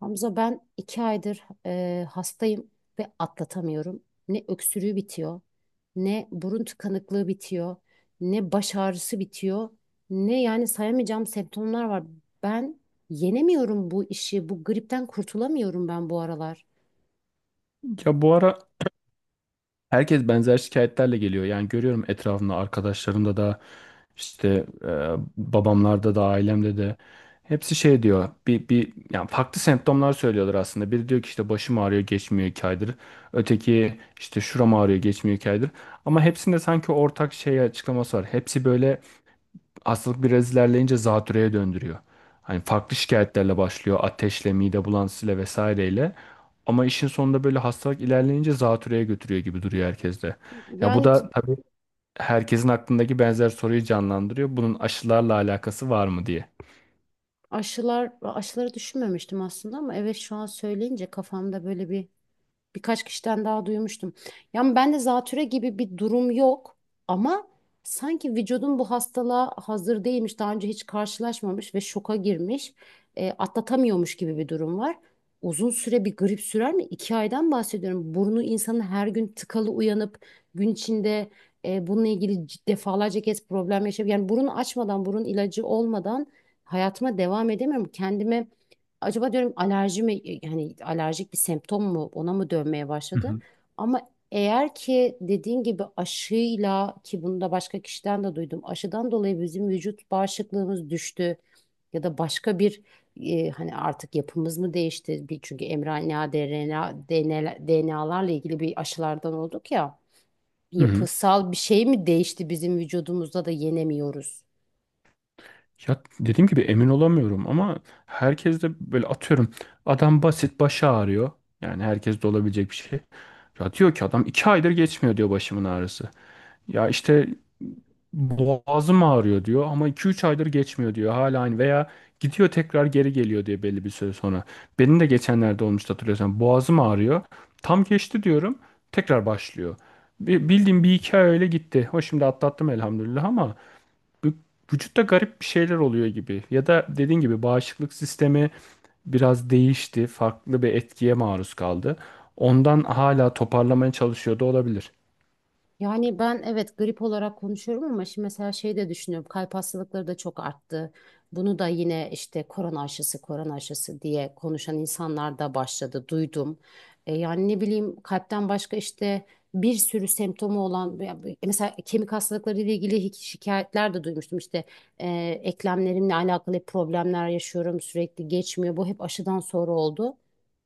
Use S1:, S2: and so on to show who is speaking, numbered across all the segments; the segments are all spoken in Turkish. S1: Hamza, ben iki aydır hastayım ve atlatamıyorum. Ne öksürüğü bitiyor, ne burun tıkanıklığı bitiyor, ne baş ağrısı bitiyor, ne yani sayamayacağım semptomlar var. Ben yenemiyorum bu işi, bu gripten kurtulamıyorum ben bu aralar.
S2: Ya bu ara herkes benzer şikayetlerle geliyor. Yani görüyorum etrafımda arkadaşlarımda da işte e, babamlarda da ailemde de hepsi şey diyor. Bir yani farklı semptomlar söylüyorlar aslında. Biri diyor ki işte başım ağrıyor geçmiyor iki aydır. Öteki işte şuram ağrıyor geçmiyor iki aydır. Ama hepsinde sanki ortak şey açıklaması var. Hepsi böyle hastalık biraz ilerleyince zatürreye döndürüyor. Hani farklı şikayetlerle başlıyor. Ateşle, mide bulantısıyla vesaireyle. Ama işin sonunda böyle hastalık ilerleyince zatürreye götürüyor gibi duruyor herkeste. Ya bu
S1: Yani ki-
S2: da tabii herkesin aklındaki benzer soruyu canlandırıyor. Bunun aşılarla alakası var mı diye.
S1: Aşılar, aşıları düşünmemiştim aslında ama evet, şu an söyleyince kafamda böyle bir birkaç kişiden daha duymuştum. Yani ben de zatüre gibi bir durum yok ama sanki vücudum bu hastalığa hazır değilmiş, daha önce hiç karşılaşmamış ve şoka girmiş, atlatamıyormuş gibi bir durum var. Uzun süre bir grip sürer mi? İki aydan bahsediyorum. Burnu insanın her gün tıkalı uyanıp gün içinde bununla ilgili defalarca kez problem yaşayıp yani burun açmadan, burun ilacı olmadan hayatıma devam edemiyorum. Kendime acaba diyorum, alerji mi, yani alerjik bir semptom mu, ona mı dönmeye
S2: Hı
S1: başladı?
S2: hı.
S1: Ama eğer ki dediğin gibi aşıyla, ki bunu da başka kişiden de duydum, aşıdan dolayı bizim vücut bağışıklığımız düştü ya da başka bir, hani artık yapımız mı değişti? Bir, çünkü mRNA, DRNA, DNA'larla ilgili bir aşılardan olduk ya,
S2: Hı hı.
S1: yapısal bir şey mi değişti bizim vücudumuzda da yenemiyoruz?
S2: Ya dediğim gibi emin olamıyorum ama herkes de böyle atıyorum adam basit başı ağrıyor. Yani herkes de olabilecek bir şey. Ya diyor ki adam iki aydır geçmiyor diyor başımın ağrısı. Ya işte boğazım ağrıyor diyor ama 2-3 aydır geçmiyor diyor hala aynı veya gidiyor tekrar geri geliyor diye belli bir süre sonra. Benim de geçenlerde olmuştu hatırlıyorsan boğazım ağrıyor tam geçti diyorum tekrar başlıyor. Bildiğim bir iki ay öyle gitti. O şimdi atlattım elhamdülillah ama bu- vücutta garip bir şeyler oluyor gibi. Ya da dediğin gibi bağışıklık sistemi biraz değişti. Farklı bir etkiye maruz kaldı. Ondan hala toparlamaya çalışıyor da olabilir.
S1: Yani ben evet grip olarak konuşuyorum ama şimdi mesela şey de düşünüyorum. Kalp hastalıkları da çok arttı. Bunu da yine işte korona aşısı, korona aşısı diye konuşan insanlar da başladı, duydum. E, yani ne bileyim kalpten başka işte bir sürü semptomu olan ya mesela kemik hastalıkları ile ilgili şikayetler de duymuştum. İşte, e, eklemlerimle alakalı hep problemler yaşıyorum, sürekli geçmiyor. Bu hep aşıdan sonra oldu.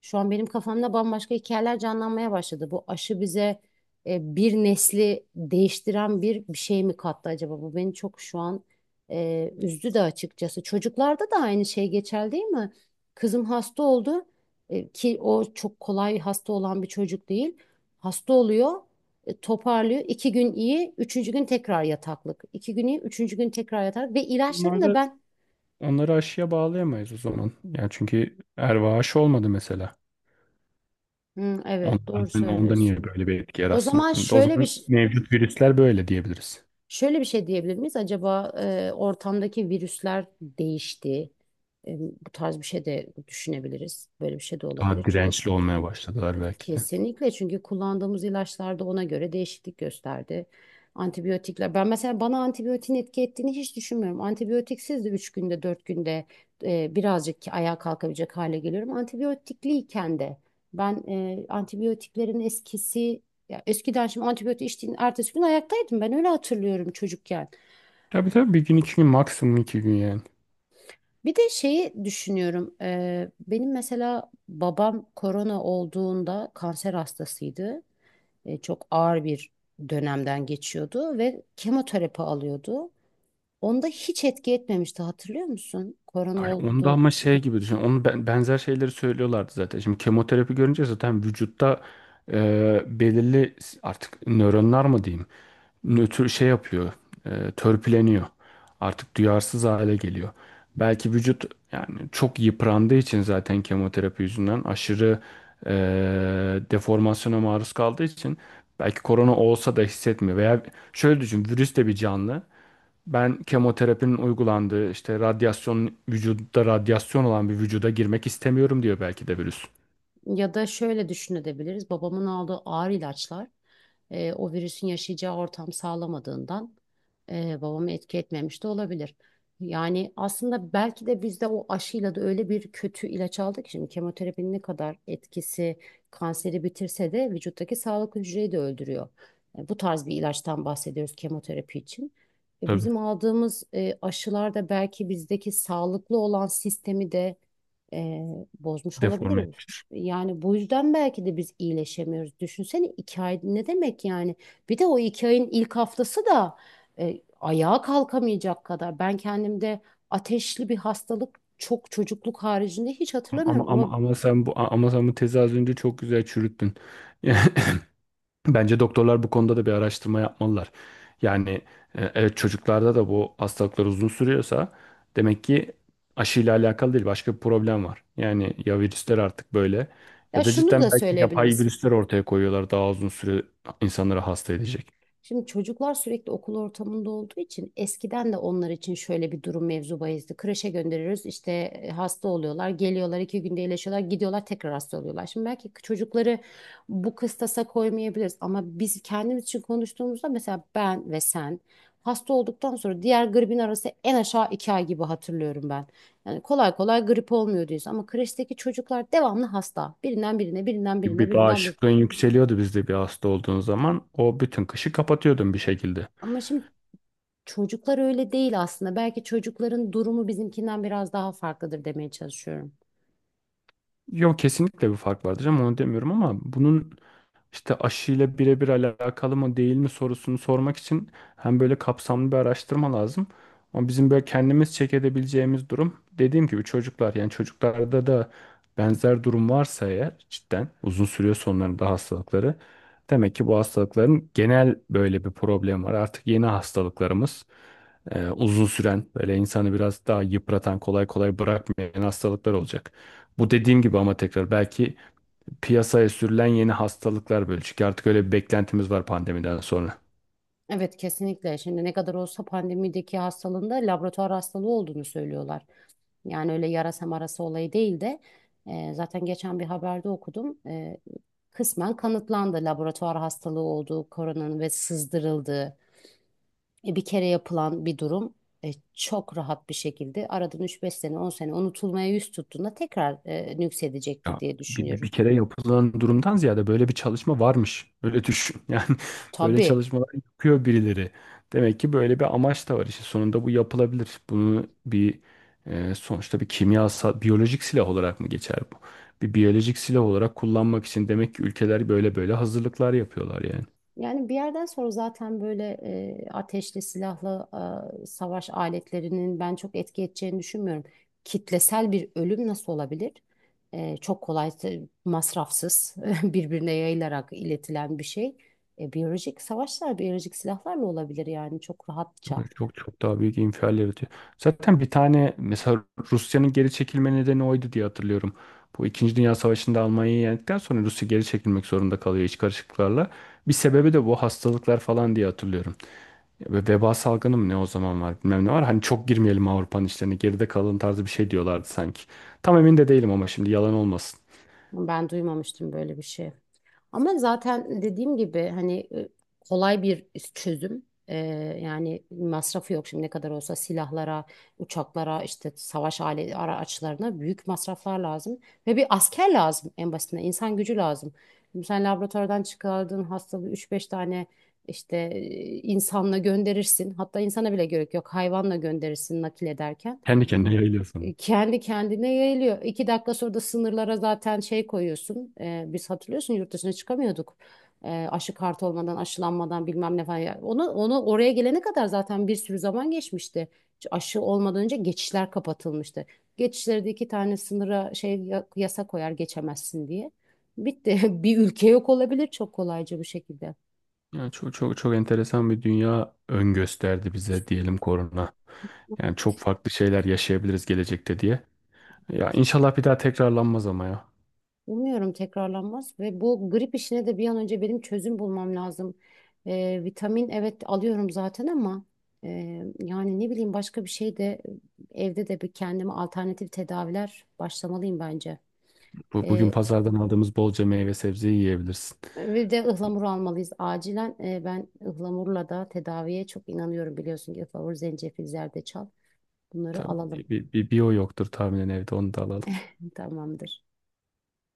S1: Şu an benim kafamda bambaşka hikayeler canlanmaya başladı. Bu aşı bize bir nesli değiştiren bir şey mi kattı acaba? Bu beni çok şu an üzdü de açıkçası. Çocuklarda da aynı şey geçerli değil mi? Kızım hasta oldu, ki o çok kolay hasta olan bir çocuk değil. Hasta oluyor, toparlıyor. İki gün iyi, üçüncü gün tekrar yataklık. İki gün iyi, üçüncü gün tekrar yataklık. Ve ilaçlarını da ben...
S2: Onları aşıya bağlayamayız o zaman. Yani çünkü erva aşı olmadı mesela.
S1: Hı, evet,
S2: Ondan,
S1: doğru
S2: hani onda niye
S1: söylüyorsun.
S2: böyle bir etki
S1: O
S2: yaratsın?
S1: zaman
S2: O
S1: şöyle bir
S2: zaman
S1: ş-
S2: mevcut virüsler böyle diyebiliriz.
S1: Şöyle bir şey diyebilir miyiz? Acaba ortamdaki virüsler değişti. E, bu tarz bir şey de düşünebiliriz. Böyle bir şey de olabilir.
S2: Daha
S1: Çünkü
S2: dirençli olmaya başladılar belki de.
S1: kesinlikle, çünkü kullandığımız ilaçlarda ona göre değişiklik gösterdi. Antibiyotikler. Ben mesela bana antibiyotin etki ettiğini hiç düşünmüyorum. Antibiyotiksiz de 3 günde, 4 günde birazcık ayağa kalkabilecek hale geliyorum. Antibiyotikliyken de ben antibiyotiklerin eskisi, ya eskiden, şimdi antibiyotik içtiğin ertesi gün ayaktaydım. Ben öyle hatırlıyorum çocukken.
S2: Tabii tabii bir gün iki gün maksimum iki gün yani.
S1: Bir de şeyi düşünüyorum. Benim mesela babam korona olduğunda kanser hastasıydı. E, çok ağır bir dönemden geçiyordu ve kemoterapi alıyordu. Onda hiç etki etmemişti, hatırlıyor musun? Korona
S2: Ay onda
S1: oldu.
S2: ama şey gibi düşün. Onun benzer şeyleri söylüyorlardı zaten. Şimdi kemoterapi görünce zaten vücutta belirli artık nöronlar mı diyeyim? Nötr şey yapıyor, törpüleniyor. Artık duyarsız hale geliyor. Belki vücut yani çok yıprandığı için zaten kemoterapi yüzünden aşırı e, deformasyona maruz kaldığı için belki korona olsa da hissetmiyor. Veya şöyle düşün, virüs de bir canlı. Ben kemoterapinin uygulandığı işte radyasyon vücutta radyasyon olan bir vücuda girmek istemiyorum diyor belki de virüs.
S1: Ya da şöyle düşünebiliriz. Babamın aldığı ağır ilaçlar o virüsün yaşayacağı ortam sağlamadığından babamı etki etmemiş de olabilir. Yani aslında belki de biz de o aşıyla da öyle bir kötü ilaç aldık. Ki şimdi kemoterapinin ne kadar etkisi, kanseri bitirse de vücuttaki sağlık hücreyi de öldürüyor. E, bu tarz bir ilaçtan bahsediyoruz kemoterapi için. E,
S2: Tabii
S1: bizim aldığımız aşılar da belki bizdeki sağlıklı olan sistemi de e, bozmuş
S2: deforme
S1: olabilir.
S2: etmiştir.
S1: Yani bu yüzden belki de biz iyileşemiyoruz. Düşünsene iki ay ne demek yani? Bir de o iki ayın ilk haftası da ayağa kalkamayacak kadar. Ben kendimde ateşli bir hastalık çok, çocukluk haricinde hiç
S2: Ama ama
S1: hatırlamıyorum
S2: ama
S1: ama
S2: ama sen bu tezi az önce çok güzel çürüttün. Bence doktorlar bu konuda da bir araştırma yapmalılar. Yani evet çocuklarda da bu hastalıklar uzun sürüyorsa demek ki aşıyla alakalı değil başka bir problem var. Yani ya virüsler artık böyle
S1: ya
S2: ya da
S1: şunu da
S2: cidden belki yapay
S1: söyleyebiliriz.
S2: virüsler ortaya koyuyorlar daha uzun süre insanları hasta edecek.
S1: Şimdi çocuklar sürekli okul ortamında olduğu için eskiden de onlar için şöyle bir durum mevzu bahisdi. Kreşe gönderiyoruz işte, hasta oluyorlar, geliyorlar, iki günde iyileşiyorlar, gidiyorlar, tekrar hasta oluyorlar. Şimdi belki çocukları bu kıstasa koymayabiliriz ama biz kendimiz için konuştuğumuzda, mesela ben ve sen hasta olduktan sonra diğer gripin arası en aşağı iki ay gibi hatırlıyorum ben. Yani kolay kolay grip olmuyor diyoruz ama kreşteki çocuklar devamlı hasta. Birinden birine, birinden birine,
S2: Bir
S1: birinden birine.
S2: bağışıklığın yükseliyordu bizde bir hasta olduğun zaman o bütün kışı kapatıyordun bir şekilde.
S1: Ama şimdi çocuklar öyle değil aslında. Belki çocukların durumu bizimkinden biraz daha farklıdır demeye çalışıyorum.
S2: Yok kesinlikle bir fark vardır ama onu demiyorum ama bunun işte aşıyla birebir alakalı mı değil mi sorusunu sormak için hem böyle kapsamlı bir araştırma lazım. Ama bizim böyle kendimiz check edebileceğimiz durum dediğim gibi çocuklar yani çocuklarda da benzer durum varsa eğer cidden uzun sürüyor sonlarında hastalıkları. Demek ki bu hastalıkların genel böyle bir problem var. Artık yeni hastalıklarımız uzun süren böyle insanı biraz daha yıpratan kolay kolay bırakmayan hastalıklar olacak. Bu dediğim gibi ama tekrar belki piyasaya sürülen yeni hastalıklar böyle. Çünkü artık öyle bir beklentimiz var pandemiden sonra.
S1: Evet, kesinlikle. Şimdi ne kadar olsa pandemideki hastalığında laboratuvar hastalığı olduğunu söylüyorlar. Yani öyle yarasa marası olayı değil de zaten geçen bir haberde okudum. E, kısmen kanıtlandı laboratuvar hastalığı olduğu, koronanın ve sızdırıldığı, bir kere yapılan bir durum. E, çok rahat bir şekilde aradan üç beş sene, 10 sene unutulmaya yüz tuttuğunda tekrar nüksedecektir
S2: Ya
S1: diye düşünüyorum.
S2: bir kere yapılan durumdan ziyade böyle bir çalışma varmış. Öyle düşün. Yani böyle
S1: Tabii,
S2: çalışmalar yapıyor birileri. Demek ki böyle bir amaç da var. İşte sonunda bu yapılabilir. Bunu sonuçta bir kimyasal, biyolojik silah olarak mı geçer bu? Bir biyolojik silah olarak kullanmak için demek ki ülkeler böyle böyle hazırlıklar yapıyorlar yani.
S1: yani bir yerden sonra zaten böyle ateşli silahlı savaş aletlerinin ben çok etki edeceğini düşünmüyorum. Kitlesel bir ölüm nasıl olabilir? E, çok kolay, masrafsız, birbirine yayılarak iletilen bir şey. E, biyolojik savaşlar, biyolojik silahlarla olabilir yani çok rahatça.
S2: Çok çok daha büyük infial yaratıyor. Zaten bir tane mesela Rusya'nın geri çekilme nedeni oydu diye hatırlıyorum. Bu İkinci Dünya Savaşı'nda Almanya'yı yendikten sonra Rusya geri çekilmek zorunda kalıyor iç karışıklıklarla. Bir sebebi de bu hastalıklar falan diye hatırlıyorum. Ya ve veba salgını mı ne o zaman var bilmem ne var. Hani çok girmeyelim Avrupa'nın işlerine geride kalın tarzı bir şey diyorlardı sanki. Tam emin de değilim ama şimdi yalan olmasın.
S1: Ben duymamıştım böyle bir şey. Ama zaten dediğim gibi hani, kolay bir çözüm. Yani masrafı yok, şimdi ne kadar olsa silahlara, uçaklara, işte savaş alet araçlarına büyük masraflar lazım. Ve bir asker lazım, en basitinden insan gücü lazım. Şimdi sen laboratuvardan çıkardığın hastalığı üç beş tane işte, insanla gönderirsin. Hatta insana bile gerek yok, hayvanla gönderirsin nakil ederken.
S2: Kendi kendine yayılıyor.
S1: E, kendi kendine yayılıyor. İki dakika sonra da sınırlara zaten şey koyuyorsun. E, biz, hatırlıyorsun, yurt dışına çıkamıyorduk. E, aşı kartı olmadan, aşılanmadan bilmem ne falan. Ya onu, onu oraya gelene kadar zaten bir sürü zaman geçmişti. Aşı olmadan önce geçişler kapatılmıştı. Geçişlerde iki tane sınıra şey yasa koyar, geçemezsin diye. Bitti. Bir ülke yok olabilir çok kolayca bu şekilde.
S2: Yani çok çok çok enteresan bir dünya ön gösterdi bize diyelim korona. Yani çok farklı şeyler yaşayabiliriz gelecekte diye. Ya inşallah bir daha tekrarlanmaz ama ya.
S1: Umuyorum tekrarlanmaz ve bu grip işine de bir an önce benim çözüm bulmam lazım. Vitamin, evet, alıyorum zaten ama e, yani ne bileyim, başka bir şey de, evde de bir kendime alternatif tedaviler başlamalıyım bence.
S2: Bugün
S1: Ee,
S2: pazardan aldığımız bolca meyve sebzeyi yiyebilirsin.
S1: Bir de ıhlamur almalıyız acilen. Ben ıhlamurla da tedaviye çok inanıyorum, biliyorsun ki ıhlamur, zencefil, zerdeçal, bunları
S2: Tabii
S1: alalım.
S2: bir o yoktur tahminen evde onu da alalım.
S1: Tamamdır.